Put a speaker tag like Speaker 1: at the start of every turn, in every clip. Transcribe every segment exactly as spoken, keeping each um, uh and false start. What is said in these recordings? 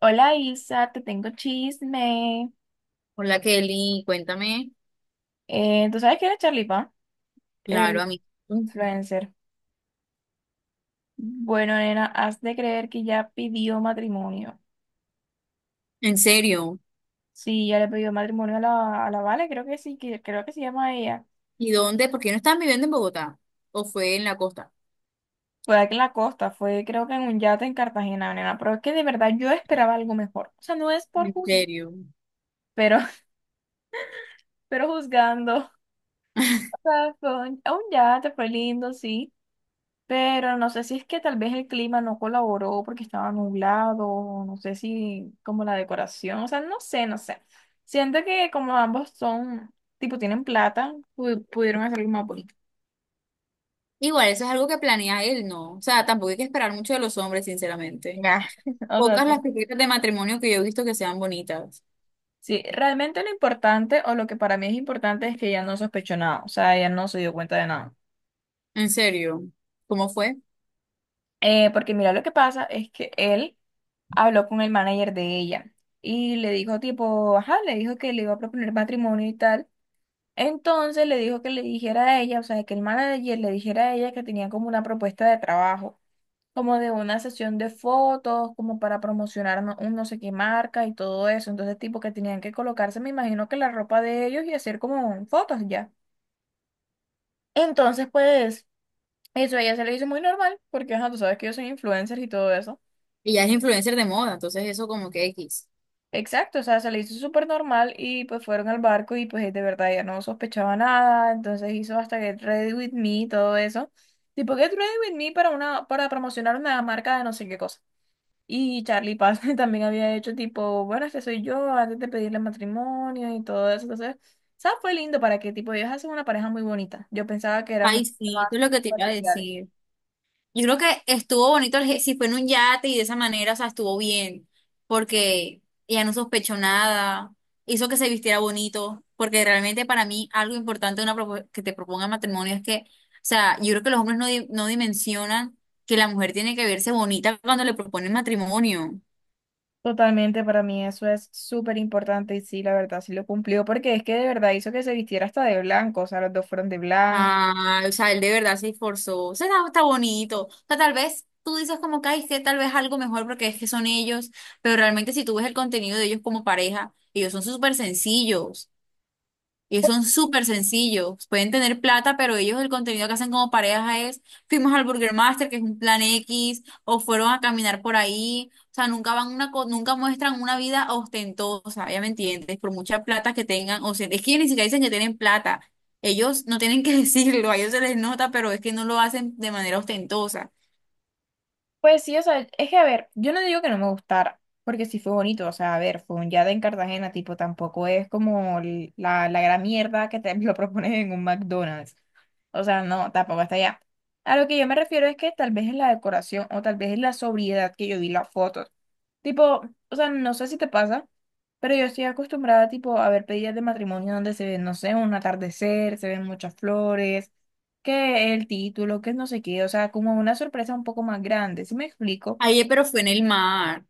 Speaker 1: Hola Isa, te tengo chisme.
Speaker 2: Hola Kelly, cuéntame.
Speaker 1: Eh, ¿tú sabes quién es Charlie Pan?
Speaker 2: Claro,
Speaker 1: El
Speaker 2: a mí.
Speaker 1: influencer. Bueno, nena, has de creer que ya pidió matrimonio.
Speaker 2: ¿En serio?
Speaker 1: Sí, ya le pidió matrimonio a la, a la Vale, creo que sí, que, creo que se llama ella.
Speaker 2: ¿Y dónde? ¿Por qué no estaban viviendo en Bogotá? ¿O fue en la costa?
Speaker 1: Fue aquí en la costa, fue creo que en un yate en Cartagena, nena. Pero es que de verdad yo esperaba algo mejor. O sea, no es por
Speaker 2: ¿En
Speaker 1: juzgar,
Speaker 2: serio?
Speaker 1: pero, pero juzgando. O sea, fue un, un yate, fue lindo, sí. Pero no sé si es que tal vez el clima no colaboró porque estaba nublado, o no sé si como la decoración, o sea, no sé, no sé. Siento que como ambos son, tipo, tienen plata, pu- pudieron hacer algo más bonito.
Speaker 2: Igual, eso es algo que planea él, ¿no? O sea, tampoco hay que esperar mucho de los hombres, sinceramente.
Speaker 1: Ya. O sea,
Speaker 2: Pocas
Speaker 1: sí.
Speaker 2: las propuestas de matrimonio que yo he visto que sean bonitas.
Speaker 1: Sí, realmente lo importante, o lo que para mí es importante, es que ella no sospechó nada, o sea, ella no se dio cuenta de nada.
Speaker 2: En serio. ¿Cómo fue?
Speaker 1: Eh, porque mira, lo que pasa es que él habló con el manager de ella y le dijo tipo, ajá, le dijo que le iba a proponer matrimonio y tal. Entonces le dijo que le dijera a ella, o sea, que el manager le dijera a ella que tenía como una propuesta de trabajo, como de una sesión de fotos, como para promocionar no- un no sé qué marca y todo eso. Entonces, tipo que tenían que colocarse, me imagino que la ropa de ellos y hacer como fotos ya. Entonces, pues, eso a ella se le hizo muy normal, porque, ajá, tú sabes que yo soy influencer y todo eso.
Speaker 2: Ella es influencer de moda, entonces eso como que X.
Speaker 1: Exacto, o sea, se le hizo súper normal y pues fueron al barco y pues de verdad ya no sospechaba nada, entonces hizo hasta Get Ready With Me y todo eso. Tipo Get Ready With Me para una, para promocionar una marca de no sé qué cosa. Y Charlie Paz también había hecho tipo, bueno, este soy yo, antes de pedirle matrimonio y todo eso. Entonces, ¿sabes? Fue lindo para que tipo ellos hacen una pareja muy bonita. Yo pensaba que eran un
Speaker 2: Ay,
Speaker 1: poquito
Speaker 2: sí,
Speaker 1: más
Speaker 2: eso es lo que te iba a
Speaker 1: superficiales.
Speaker 2: decir. Yo creo que estuvo bonito el ge- si fue en un yate y de esa manera, o sea, estuvo bien, porque ella no sospechó nada, hizo que se vistiera bonito, porque realmente para mí algo importante de una propo- que te proponga matrimonio es que, o sea, yo creo que los hombres no, di- no dimensionan que la mujer tiene que verse bonita cuando le proponen matrimonio.
Speaker 1: Totalmente, para mí eso es súper importante y sí, la verdad, sí lo cumplió porque es que de verdad hizo que se vistiera hasta de blanco, o sea, los dos fueron de blanco.
Speaker 2: Ah, o sea, él de verdad se esforzó. O sea, está, está bonito. O sea, tal vez tú dices como que "Ay, que tal vez algo mejor porque es que son ellos, pero realmente si tú ves el contenido de ellos como pareja, ellos son súper sencillos. Y son súper sencillos. Pueden tener plata, pero ellos el contenido que hacen como pareja es, fuimos al Burger Master, que es un plan X, o fueron a caminar por ahí. O sea, nunca van una, co- nunca muestran una vida ostentosa, ya me entiendes, por mucha plata que tengan. O sea, es que ellos ni siquiera dicen que tienen plata. Ellos no tienen que decirlo, a ellos se les nota, pero es que no lo hacen de manera ostentosa.
Speaker 1: Pues sí, o sea, es que a ver, yo no digo que no me gustara, porque sí fue bonito, o sea, a ver, fue un yada en Cartagena, tipo, tampoco es como l- la, la gran mierda que te lo proponen en un McDonald's. O sea, no, tampoco hasta allá. A lo que yo me refiero es que tal vez es la decoración o tal vez es la sobriedad que yo vi las fotos. Tipo, o sea, no sé si te pasa, pero yo estoy acostumbrada tipo a ver pedidas de matrimonio donde se ve, no sé, un atardecer, se ven muchas flores, que el título, que no sé qué, o sea, como una sorpresa un poco más grande, ¿sí me explico?
Speaker 2: Ayer, pero fue en el mar.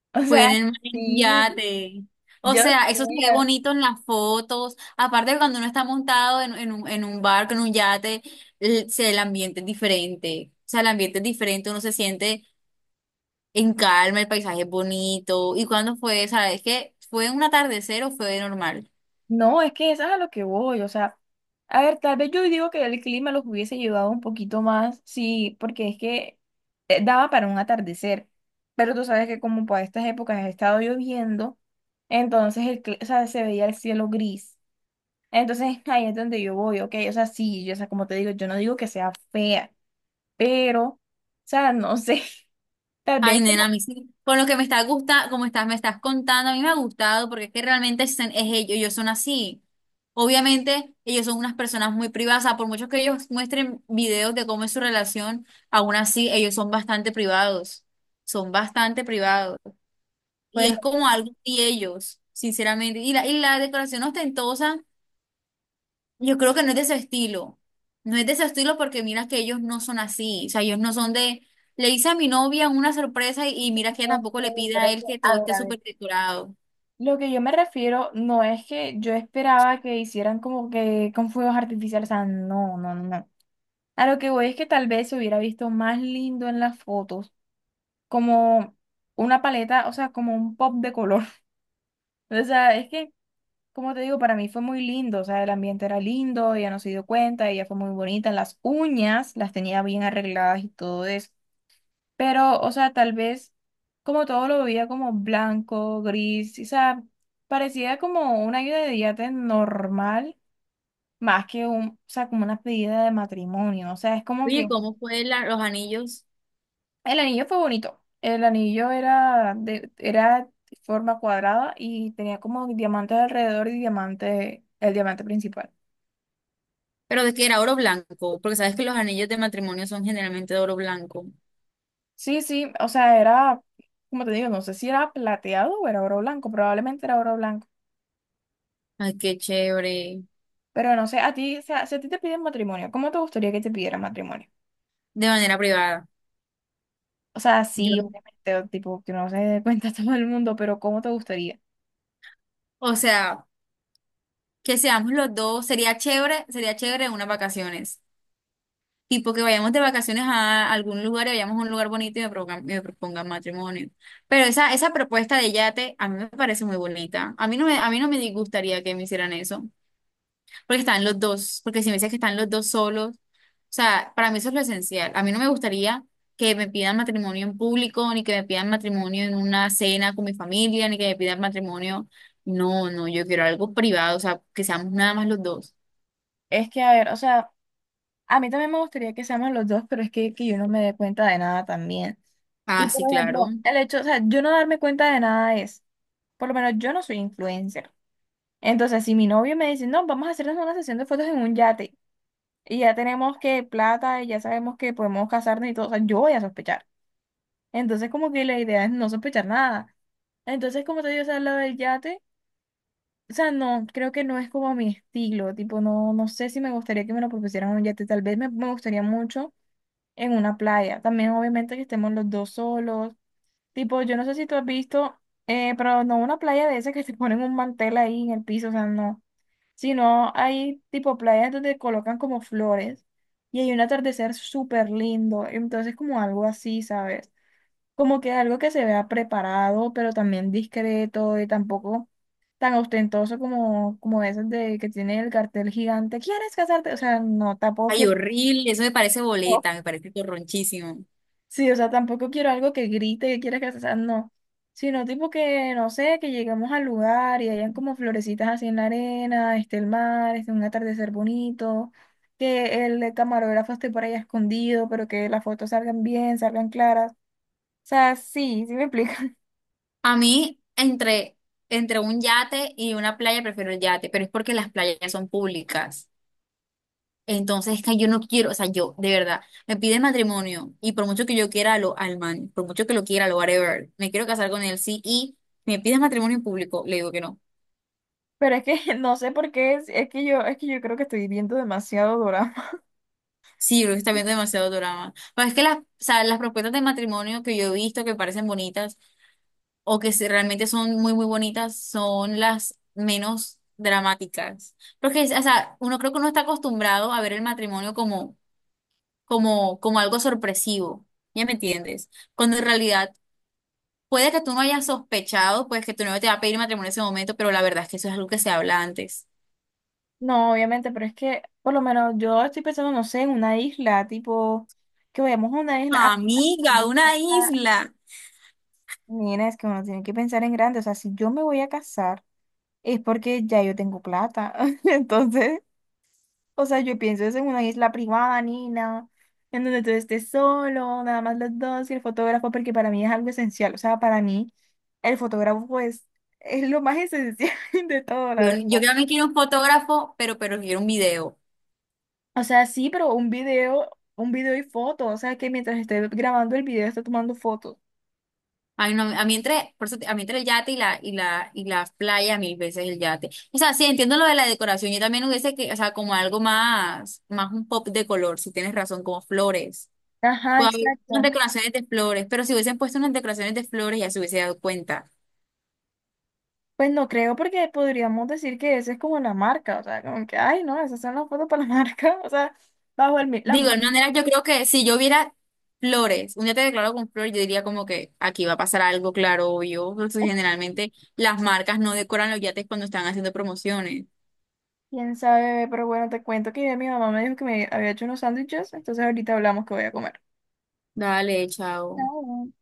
Speaker 1: O sea,
Speaker 2: Pueden en un
Speaker 1: sí,
Speaker 2: yate. O
Speaker 1: yo
Speaker 2: sea,
Speaker 1: sé.
Speaker 2: eso se ve bonito en las fotos. Aparte de cuando uno está montado en, en un, en un barco, en un yate, el, se- el ambiente es diferente. O sea, el ambiente es diferente, uno se siente en calma, el paisaje es bonito. ¿Y cuándo fue? ¿Sabes qué? ¿Fue un atardecer o fue normal?
Speaker 1: No, es que eso es a lo que voy, o sea, a ver, tal vez yo digo que el clima los hubiese llevado un poquito más, sí, porque es que eh, daba para un atardecer, pero tú sabes que como para estas épocas ha estado lloviendo, entonces el, cli- o sea, se veía el cielo gris, entonces ahí es donde yo voy, ok, o sea, sí, yo, o sea, como te digo, yo no digo que sea fea, pero, o sea, no sé, tal
Speaker 2: Ay,
Speaker 1: vez
Speaker 2: nena, a
Speaker 1: como,
Speaker 2: mí sí. Con lo que me está gusta, como estás, me estás contando, a mí me ha gustado porque es que realmente es, es ellos, ellos son así. Obviamente, ellos son unas personas muy privadas, o sea, por mucho que ellos muestren videos de cómo es su relación, aún así ellos son bastante privados, son bastante privados. Y
Speaker 1: pues,
Speaker 2: es como algo de ellos, sinceramente. Y la, y la decoración ostentosa. Yo creo que no es de su estilo. No es de su estilo porque mira que ellos no son así. O sea, ellos no son de. Le hice a mi novia una sorpresa y, y mira que
Speaker 1: no
Speaker 2: tampoco
Speaker 1: sé,
Speaker 2: le pide
Speaker 1: pero
Speaker 2: a
Speaker 1: es
Speaker 2: él
Speaker 1: que,
Speaker 2: que
Speaker 1: a
Speaker 2: todo
Speaker 1: ver,
Speaker 2: esté
Speaker 1: a ver.
Speaker 2: súper decorado.
Speaker 1: Lo que yo me refiero no es que yo esperaba que hicieran como que con fuegos artificiales, o sea, no, no, no, no. A lo que voy es que tal vez se hubiera visto más lindo en las fotos, como una paleta, o sea, como un pop de color. O sea, es que, como te digo, para mí fue muy lindo, o sea, el ambiente era lindo, ella no se dio cuenta, ella fue muy bonita, las uñas las tenía bien arregladas y todo eso. Pero, o sea, tal vez como todo lo veía como blanco, gris, o sea, parecía como una ayuda de yate normal, más que un, o sea, como una pedida de matrimonio. O sea, es como
Speaker 2: Oye,
Speaker 1: que
Speaker 2: ¿cómo fue la- los anillos?
Speaker 1: el anillo fue bonito. El anillo era de, era de forma cuadrada y tenía como diamantes alrededor y diamante, el diamante principal.
Speaker 2: Pero de que era oro blanco, porque sabes que los anillos de matrimonio son generalmente de oro blanco.
Speaker 1: Sí, sí, o sea, era, como te digo, no sé si era plateado o era oro blanco, probablemente era oro blanco.
Speaker 2: Ay, qué chévere.
Speaker 1: Pero no sé, a ti, o sea, si a ti te piden matrimonio, ¿cómo te gustaría que te pidieran matrimonio?
Speaker 2: De manera privada.
Speaker 1: O sea,
Speaker 2: Yo,
Speaker 1: sí, obviamente, o tipo, que no se dé cuenta todo el mundo, pero ¿cómo te gustaría?
Speaker 2: o sea, que seamos los dos. Sería chévere, sería chévere en unas vacaciones. Tipo que vayamos de vacaciones a algún lugar y vayamos a un lugar bonito y me propongan, me propongan matrimonio. Pero esa, esa propuesta de yate a mí me parece muy bonita. A mí no me, a mí no me disgustaría que me hicieran eso, porque están los dos, porque si me dices que están los dos solos, o sea, para mí eso es lo esencial. A mí no me gustaría que me pidan matrimonio en público, ni que me pidan matrimonio en una cena con mi familia, ni que me pidan matrimonio. No, no, yo quiero algo privado, o sea, que seamos nada más los dos.
Speaker 1: Es que, a ver, o sea, a mí también me gustaría que seamos los dos, pero es que, que yo no me dé cuenta de nada también. Y,
Speaker 2: Ah,
Speaker 1: por
Speaker 2: sí, claro.
Speaker 1: ejemplo, el hecho, o sea, yo no darme cuenta de nada es, por lo menos yo no soy influencer. Entonces, si mi novio me dice, no, vamos a hacernos una sesión de fotos en un yate, y ya tenemos que plata, y ya sabemos que podemos casarnos y todo, o sea, yo voy a sospechar. Entonces, como que la idea es no sospechar nada. Entonces, como te digo, o sea, lo del yate, o sea, no, creo que no es como mi estilo, tipo, no, no sé si me gustaría que me lo propusieran en un yate, tal vez me, me gustaría mucho en una playa, también obviamente que estemos los dos solos, tipo, yo no sé si tú has visto, eh, pero no una playa de esas que te ponen un mantel ahí en el piso, o sea, no, sino hay tipo playas donde colocan como flores y hay un atardecer súper lindo, entonces como algo así, ¿sabes? Como que algo que se vea preparado, pero también discreto y tampoco tan ostentoso como, como veces de que tiene el cartel gigante, ¿quieres casarte? O sea, no, tampoco
Speaker 2: Ay,
Speaker 1: quiero,
Speaker 2: horrible, eso me parece
Speaker 1: no.
Speaker 2: boleta, me parece torronchísimo.
Speaker 1: Sí, o sea, tampoco quiero algo que grite que quieres casarte, o sea, no, sino tipo que, no sé, que lleguemos al lugar y hayan como florecitas así en la arena, esté el mar, esté un atardecer bonito. Que el camarógrafo esté por ahí escondido, pero que las fotos salgan bien, salgan claras. O sea, sí, sí me explico.
Speaker 2: A mí, entre, entre un yate y una playa, prefiero el yate, pero es porque las playas son públicas. Entonces, es que yo no quiero, o sea, yo, de verdad, me pide matrimonio y por mucho que yo quiera lo, al man, por mucho que lo quiera, lo whatever, me quiero casar con él, sí, y me pide matrimonio en público, le digo que no.
Speaker 1: Pero es que no sé por qué, es, es que yo, es que yo creo que estoy viendo demasiado drama.
Speaker 2: Sí, yo creo que está viendo demasiado drama. Pero es que las, o sea, las propuestas de matrimonio que yo he visto que parecen bonitas, o que si realmente son muy, muy bonitas, son las menos dramáticas. Porque, o sea, uno creo que uno está acostumbrado a ver el matrimonio como, como, como algo sorpresivo, ¿ya me entiendes? Cuando en realidad puede que tú no hayas sospechado, pues que tu novio te va a pedir matrimonio en ese momento, pero la verdad es que eso es algo que se habla antes.
Speaker 1: No, obviamente, pero es que por lo menos yo estoy pensando, no sé, en una isla, tipo, que vayamos a una isla. Ah,
Speaker 2: Amiga, una isla.
Speaker 1: mira, es que uno tiene que pensar en grande. O sea, si yo me voy a casar, es porque ya yo tengo plata. Entonces, o sea, yo pienso es en una isla privada, Nina, en donde tú estés solo, nada más los dos y el fotógrafo, porque para mí es algo esencial. O sea, para mí el fotógrafo es, es lo más esencial de todo, la
Speaker 2: Yo,
Speaker 1: verdad.
Speaker 2: yo también quiero un fotógrafo, pero, pero quiero un video.
Speaker 1: O sea, sí, pero un video, un video y foto. O sea, que mientras esté grabando el video, esté tomando fotos.
Speaker 2: Ay, no, a mí entre, por eso te- a mí entre el yate y la, y la, y la playa, mil veces el yate. O sea, sí, entiendo lo de la decoración. Yo también hubiese que, o sea, como algo más, más un pop de color, si tienes razón, como flores.
Speaker 1: Ajá,
Speaker 2: Puede haber unas
Speaker 1: exacto.
Speaker 2: decoraciones de flores, pero si hubiesen puesto unas decoraciones de flores ya se hubiese dado cuenta.
Speaker 1: Pues no creo porque podríamos decir que esa es como la marca. O sea, como que, ay, no, esas son las fotos para la marca. O sea, bajo el... mi-
Speaker 2: Digo,
Speaker 1: La...
Speaker 2: de manera, yo creo que si yo viera flores, un yate declarado con flores, yo diría como que aquí va a pasar algo, claro, obvio. Porque generalmente las marcas no decoran los yates cuando están haciendo promociones.
Speaker 1: Quién sabe, pero bueno, te cuento que mi mamá me dijo que me había hecho unos sándwiches, entonces ahorita hablamos que voy a comer.
Speaker 2: Dale, chao.
Speaker 1: Chao.